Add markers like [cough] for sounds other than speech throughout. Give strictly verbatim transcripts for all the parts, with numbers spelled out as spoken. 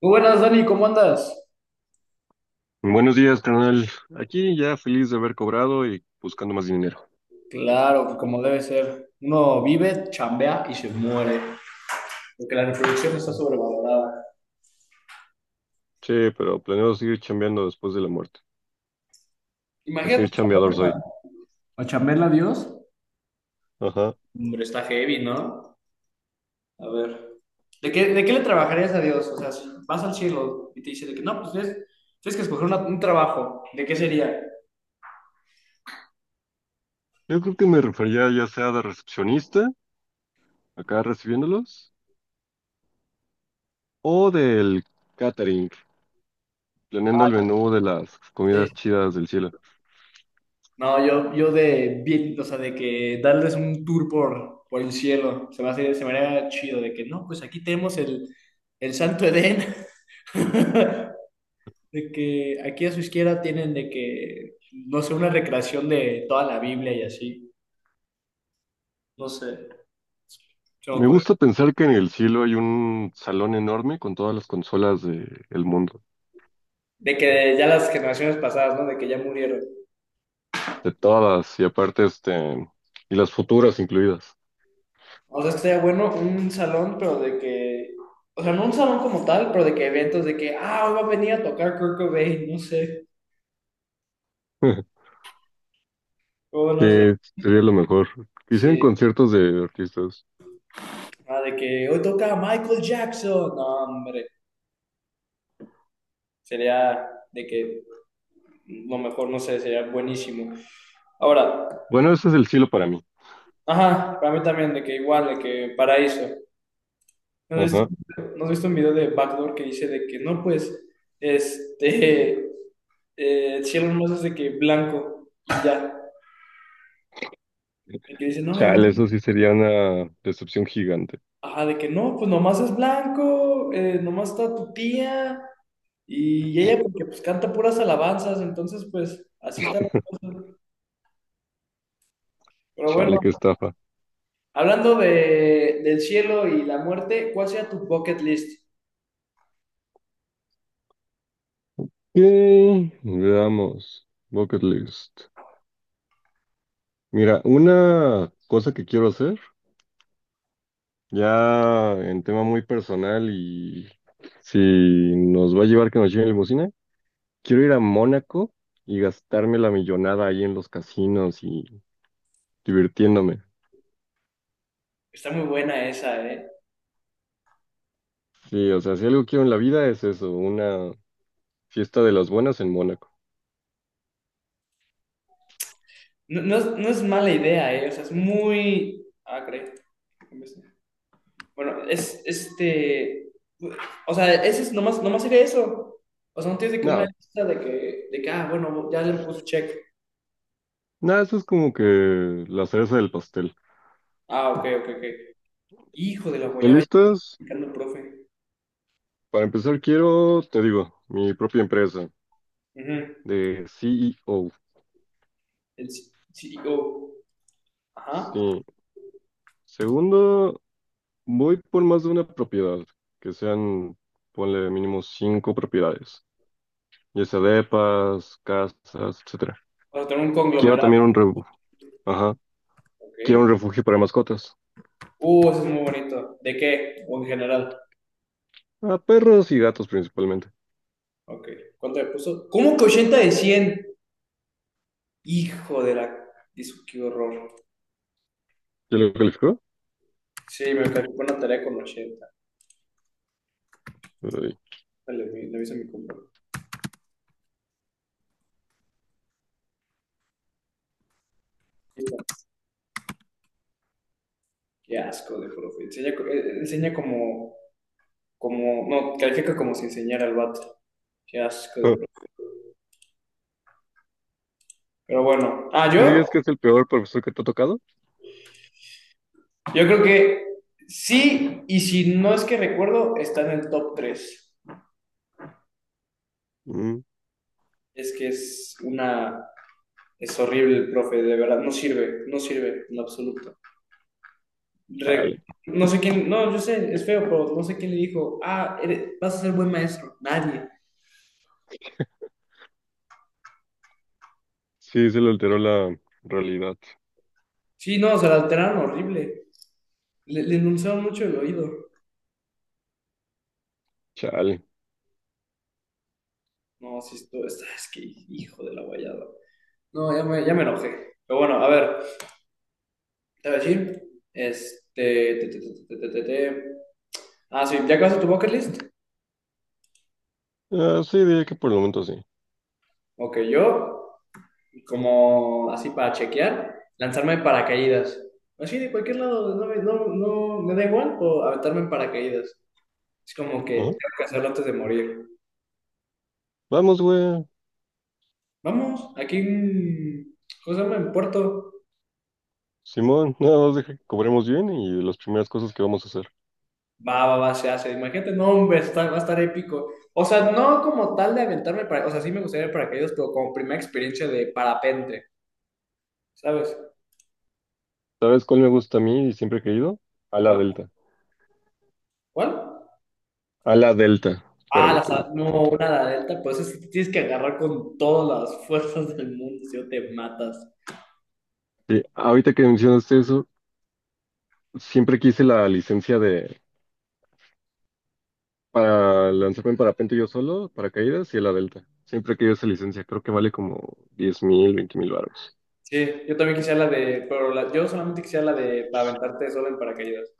Muy buenas, Dani, ¿cómo andas? Buenos días, carnal. Aquí ya feliz de haber cobrado y buscando más dinero. Claro, que como debe ser. Uno vive, chambea y se muere. Porque la reproducción está sobrevalorada. Sí, pero planeo seguir chambeando después de la muerte. Así Imagínate de chambeador chambearla. soy. ¿A chambearla a Dios? Ajá. Hombre, está heavy, ¿no? A ver. ¿De qué, de qué le trabajarías a Dios? O sea, si vas al cielo y te dice de que no, pues tienes, tienes que escoger una- un trabajo. ¿De qué sería? Yo creo que me refería ya sea de recepcionista, acá recibiéndolos, o del catering, planeando el menú de las Sí. comidas chidas del cielo. No, yo, yo de bien, o sea, de que darles un tour por, por el cielo. Se me hace, se me haría chido de que no, pues aquí tenemos el, el Santo Edén. [laughs] De que aquí a su izquierda tienen de que, no sé, una recreación de toda la Biblia y así. No sé, se me Me ocurre. gusta pensar que en el cielo hay un salón enorme con todas las consolas del mundo. De que ya las generaciones pasadas, ¿no? De que ya murieron. De todas, y aparte este, y las futuras incluidas. O sea, estaría bueno un salón, pero de que, o sea, no un salón como tal, pero de que eventos de que, ah, hoy va a venir a tocar Kurt Cobain, no sé. [laughs] O bueno, Sí, no sé. sería lo mejor. Quisieran Sí. conciertos de artistas. Ah, de que hoy toca Michael Jackson. No, hombre. Sería de que lo mejor, no sé, sería buenísimo. Ahora, Bueno, ese es el cielo para mí. ajá, para mí también, de que igual, de que paraíso. ¿No has visto, Ajá. no has visto un video de Backdoor que dice de que no, pues, este, [laughs] eh, el cielo nomás es de que blanco y ya? De que dice, no, nomás, Chale, eso sí sería una decepción gigante. ajá, de que no, pues nomás es blanco, eh, nomás está tu tía y ella porque pues canta puras alabanzas, entonces pues así está la [laughs] cosa. Pero bueno, Chale, qué estafa. hablando de, del cielo y la muerte, ¿cuál sería tu bucket list? Ok, veamos. Bucket list. Mira, una cosa que quiero hacer, ya en tema muy personal y si nos va a llevar que nos lleven limusina, quiero ir a Mónaco y gastarme la millonada ahí en los casinos y divirtiéndome. Está muy buena esa, ¿eh? Sí, o sea, si algo quiero en la vida es eso, una fiesta de las buenas en Mónaco. No, no es, no es mala idea, ¿eh? O sea, es muy... Ah, creo. Bueno, es este... O sea, ese es nomás, nomás sería eso. O sea, no tienes de que una Nada, lista de que, de que, ah, bueno, ya le puso check. nada, eso es como que la cereza del pastel. Ah, ok, ok, ok. Hijo de la ¿Están guayaba, ya está listas? explicando el profe. Para empezar, quiero, te digo, mi propia empresa Ujú. de C E O. El C- CEO. Ajá. Sí. Segundo, voy por más de una propiedad, que sean, ponle mínimo cinco propiedades, ya sea depas, casas, etcétera. O sea, tener un Quiero conglomerado. también un refugio, ajá, quiero un Ok. refugio para mascotas, Uh, eso es muy bonito. ¿De qué? O en general. a perros y gatos principalmente. Ok. ¿Cuánto le puso? ¿Cómo que ochenta de cien? Hijo de la... Dice, qué horror. ¿Ya lo calificó? Sí, me calificó una tarea con ochenta. Le, le aviso a mi compa. Qué asco de profe. Enseña, co- eh, enseña como, como, no, califica como si enseñara al vato. Qué asco de Oh. profe. Pero bueno. Ah, ¿Qué yo, dirías que es el peor profesor que te ha tocado? yo creo que sí, y si no es que recuerdo, está en el top tres. Mm, Es que es una, es horrible el profe, de verdad, no sirve, no sirve en lo absoluto. Re- chale. no sé quién, no, yo sé, es feo, pero no sé quién le dijo, ah, eres- vas a ser buen maestro. Nadie. Sí, se le alteró la realidad. Sí, no, se la alteraron horrible. Le, le endulzaron mucho el oído. Chale. No, sí, esto está, es que hijo de la guayada. No, ya me, ya me enojé. Pero bueno, a ver, te voy a decir. Este. Te, te, te, te, te, te, te. Ah, sí, ¿ya acabaste tu bucket list? Ah, sí, diría que por el momento sí. Ok, yo, como así para chequear, lanzarme en paracaídas. Así de cualquier lado, no, me- no, no me da igual, o aventarme en paracaídas. Es como que Ajá. tengo que hacerlo antes de morir. Vamos, güey. Vamos, aquí en. ¿Cómo se llama? En Puerto. Simón, nada más deja que cobremos bien y las primeras cosas que vamos a hacer. Va, va, va, se hace. Imagínate, no, hombre, está- va a estar épico. O sea, no como tal de aventarme para, o sea, sí me gustaría ir para paracaídas, pero como primera experiencia de parapente, ¿sabes? ¿Sabes cuál me gusta a mí y siempre he querido? A la ¿Cuál? Delta. ¿Cuál? A la Delta. Ah, Espérame, la, te sa- mando una no, foto. una la delta, pues es, tienes que agarrar con todas las [laughs] fuerzas del mundo, si no te matas. Sí, ahorita que mencionaste eso, siempre quise la licencia de para lanzarme en parapente yo solo, paracaídas y a la Delta. Siempre he querido esa licencia. Creo que vale como diez mil, veinte mil baros. Sí, yo también quisiera la de, pero la- yo solamente quisiera la de para aventarte solo en paracaídas.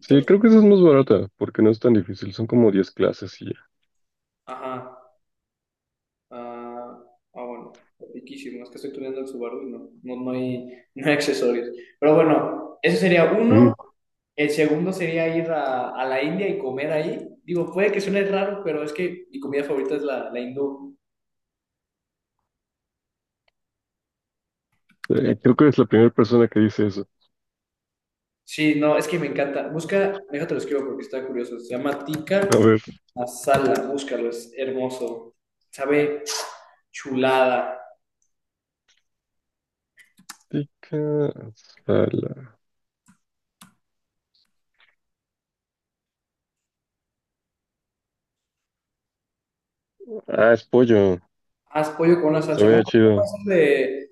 Sí, Entonces, creo que esa es más barata, porque no es tan difícil, son como diez clases y ya. ajá. Ah, ah, bueno, riquísimo. Es que estoy tuneando el Subaru y no, no, no hay, no hay accesorios. Pero bueno, eso sería uno. Mm, El segundo sería ir a, a la India y comer ahí. Digo, puede que suene raro, pero es que mi comida favorita es la, la hindú. eh, creo que es la primera persona que dice eso. Sí, no, es que me encanta. Busca, déjate lo escribo porque está curioso. Se llama tikka A ver, masala. Búscalo, es hermoso. Sabe chulada. tica, sala. Ah, es pollo, Haz pollo con una se salsa. Bueno, ve no chido. puede ser de,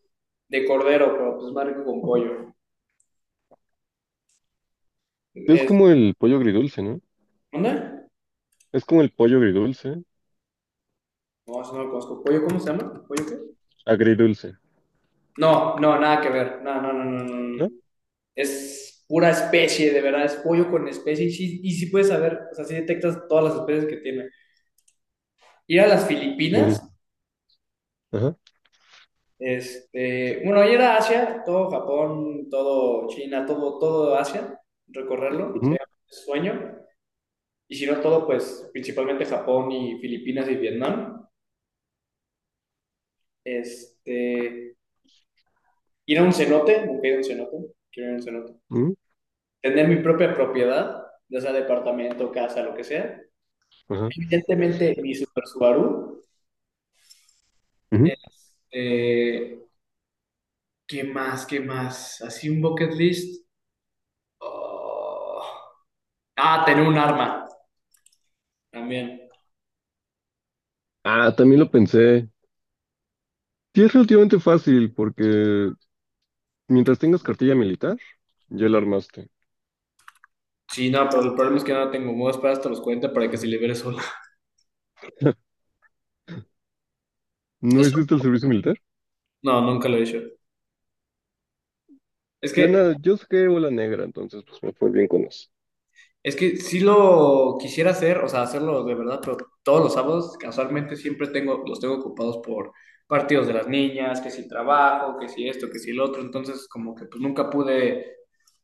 de cordero, pero pues más rico con pollo. Es Es, como el pollo agridulce, ¿no? ¿dónde? Es como el pollo agridulce, No, eso no lo conozco. ¿Pollo cómo se llama? ¿Pollo qué? agridulce, No, no, nada que ver. No, no, no, no, no, no. ¿no? Es pura especie, de verdad, es pollo con especie. Y sí, y sí puedes saber, o sea, sí detectas todas las especies que tiene. Ir a las Ujú. Filipinas, Ajá, este, bueno, ir a Asia, todo Japón, todo China, todo, todo Asia, recorrerlo, ujú, sería un sueño. Y si no todo, pues principalmente Japón y Filipinas y Vietnam. Este, ir a un cenote, nunca he ido a un cenote, quiero ir a un cenote. ujú, Tener mi propia propiedad, ya sea departamento, casa, lo que sea. ajá, Evidentemente, mi Super Subaru. ujú. Este, ¿qué más? ¿Qué más? Así un bucket list. Oh. Ah, tener un arma también. Ah, también lo pensé. Sí, es relativamente fácil, porque mientras tengas cartilla militar, ya la armaste. Sí, no, pero el problema es que no la tengo. Me voy a esperar hasta los cuarenta para que se libere sola. ¿No Eso, hiciste el servicio militar? no, nunca lo he hecho. Es Yo que nada, yo saqué bola negra, entonces pues me fue bien con eso. es que sí lo quisiera hacer, o sea, hacerlo de verdad, pero todos los sábados casualmente siempre tengo, los tengo ocupados por partidos de las niñas, que si trabajo, que si esto, que si el otro, entonces como que pues nunca pude,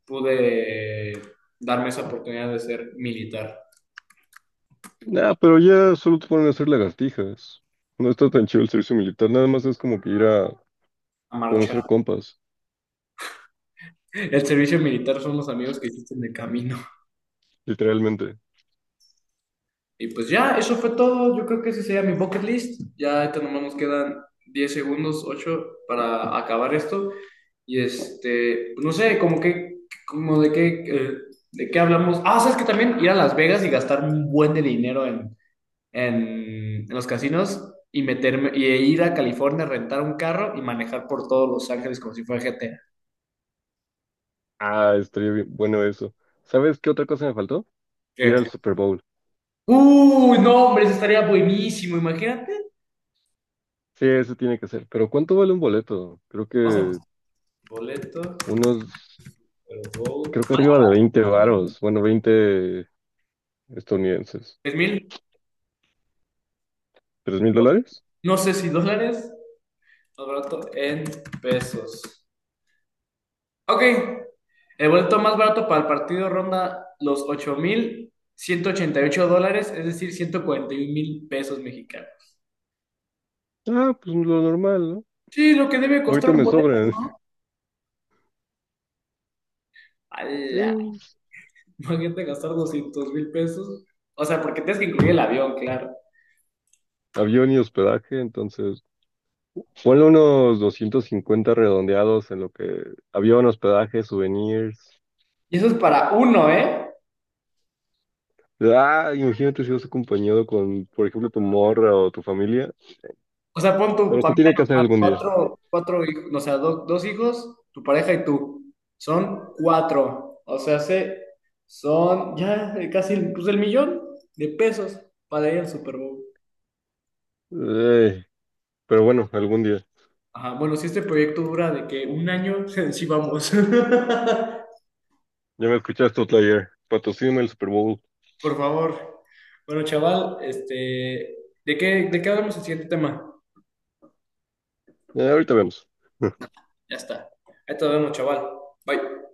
pude darme esa oportunidad de ser militar, Nah, pero ya solo te ponen a hacer lagartijas. No está tan chido el servicio militar, nada más es como que ir a a conocer marchar. compas, El servicio militar son los amigos que hiciste en el camino. literalmente. Y pues ya, eso fue todo, yo creo que ese sería mi bucket list, ya ahorita nomás nos quedan diez segundos, ocho para acabar esto. Y este, pues, no sé, como que, como de qué, eh, de qué hablamos. Ah, sabes que también ir a Las Vegas y gastar un buen de dinero en, en, en los casinos y meterme, y ir a California, rentar un carro y manejar por todos Los Ángeles como si fuera G T A. Ah, estaría bien, bueno eso. ¿Sabes qué otra cosa me faltó? ¿Qué? Ir al Super Bowl. Uy, no, hombre, eso estaría buenísimo, imagínate. Sí, eso tiene que ser. Pero ¿cuánto vale un boleto? Creo Vamos a que buscar boleto, unos, pero go. creo que arriba de veinte varos, bueno, veinte estadounidenses. Tres mil, ¿Tres mil dólares? no sé si dólares, más barato en pesos. Ok, el boleto más barato para el partido ronda los ocho mil ciento ochenta y ocho dólares, es decir, 141 mil pesos mexicanos. Ah, pues lo normal, ¿no? Sí, lo que debe costar Ahorita un me boleto. sobran. [laughs] ¡Hala! Sí, Imagínate gastar doscientos mil pesos. O sea, porque tienes que incluir el avión, claro. avión y hospedaje, entonces... Ponle unos doscientos cincuenta redondeados en lo que avión, hospedaje, souvenirs. Y eso es para uno, ¿eh? Ah, imagínate si vas acompañado con, por ejemplo, tu morra o tu familia. O sea, pon tu Pero esto familia tiene que hacer normal, algún día. cuatro, cuatro hijos, o sea, do- dos hijos, tu pareja y tú. Son cuatro. O sea, se, son ya casi pues, el millón de pesos para ir al Super Bowl. Ey, pero bueno, algún día. Ajá, bueno, si este proyecto dura de que un año, [laughs] sí vamos. [laughs] Ya me escuchaste, player. Patrocíname el Super Bowl. Por favor. Bueno, chaval, este, ¿de qué, de qué hablamos el siguiente tema? Eh, ahorita vemos. [laughs] Ya está. Ahí te vemos, chaval. Bye.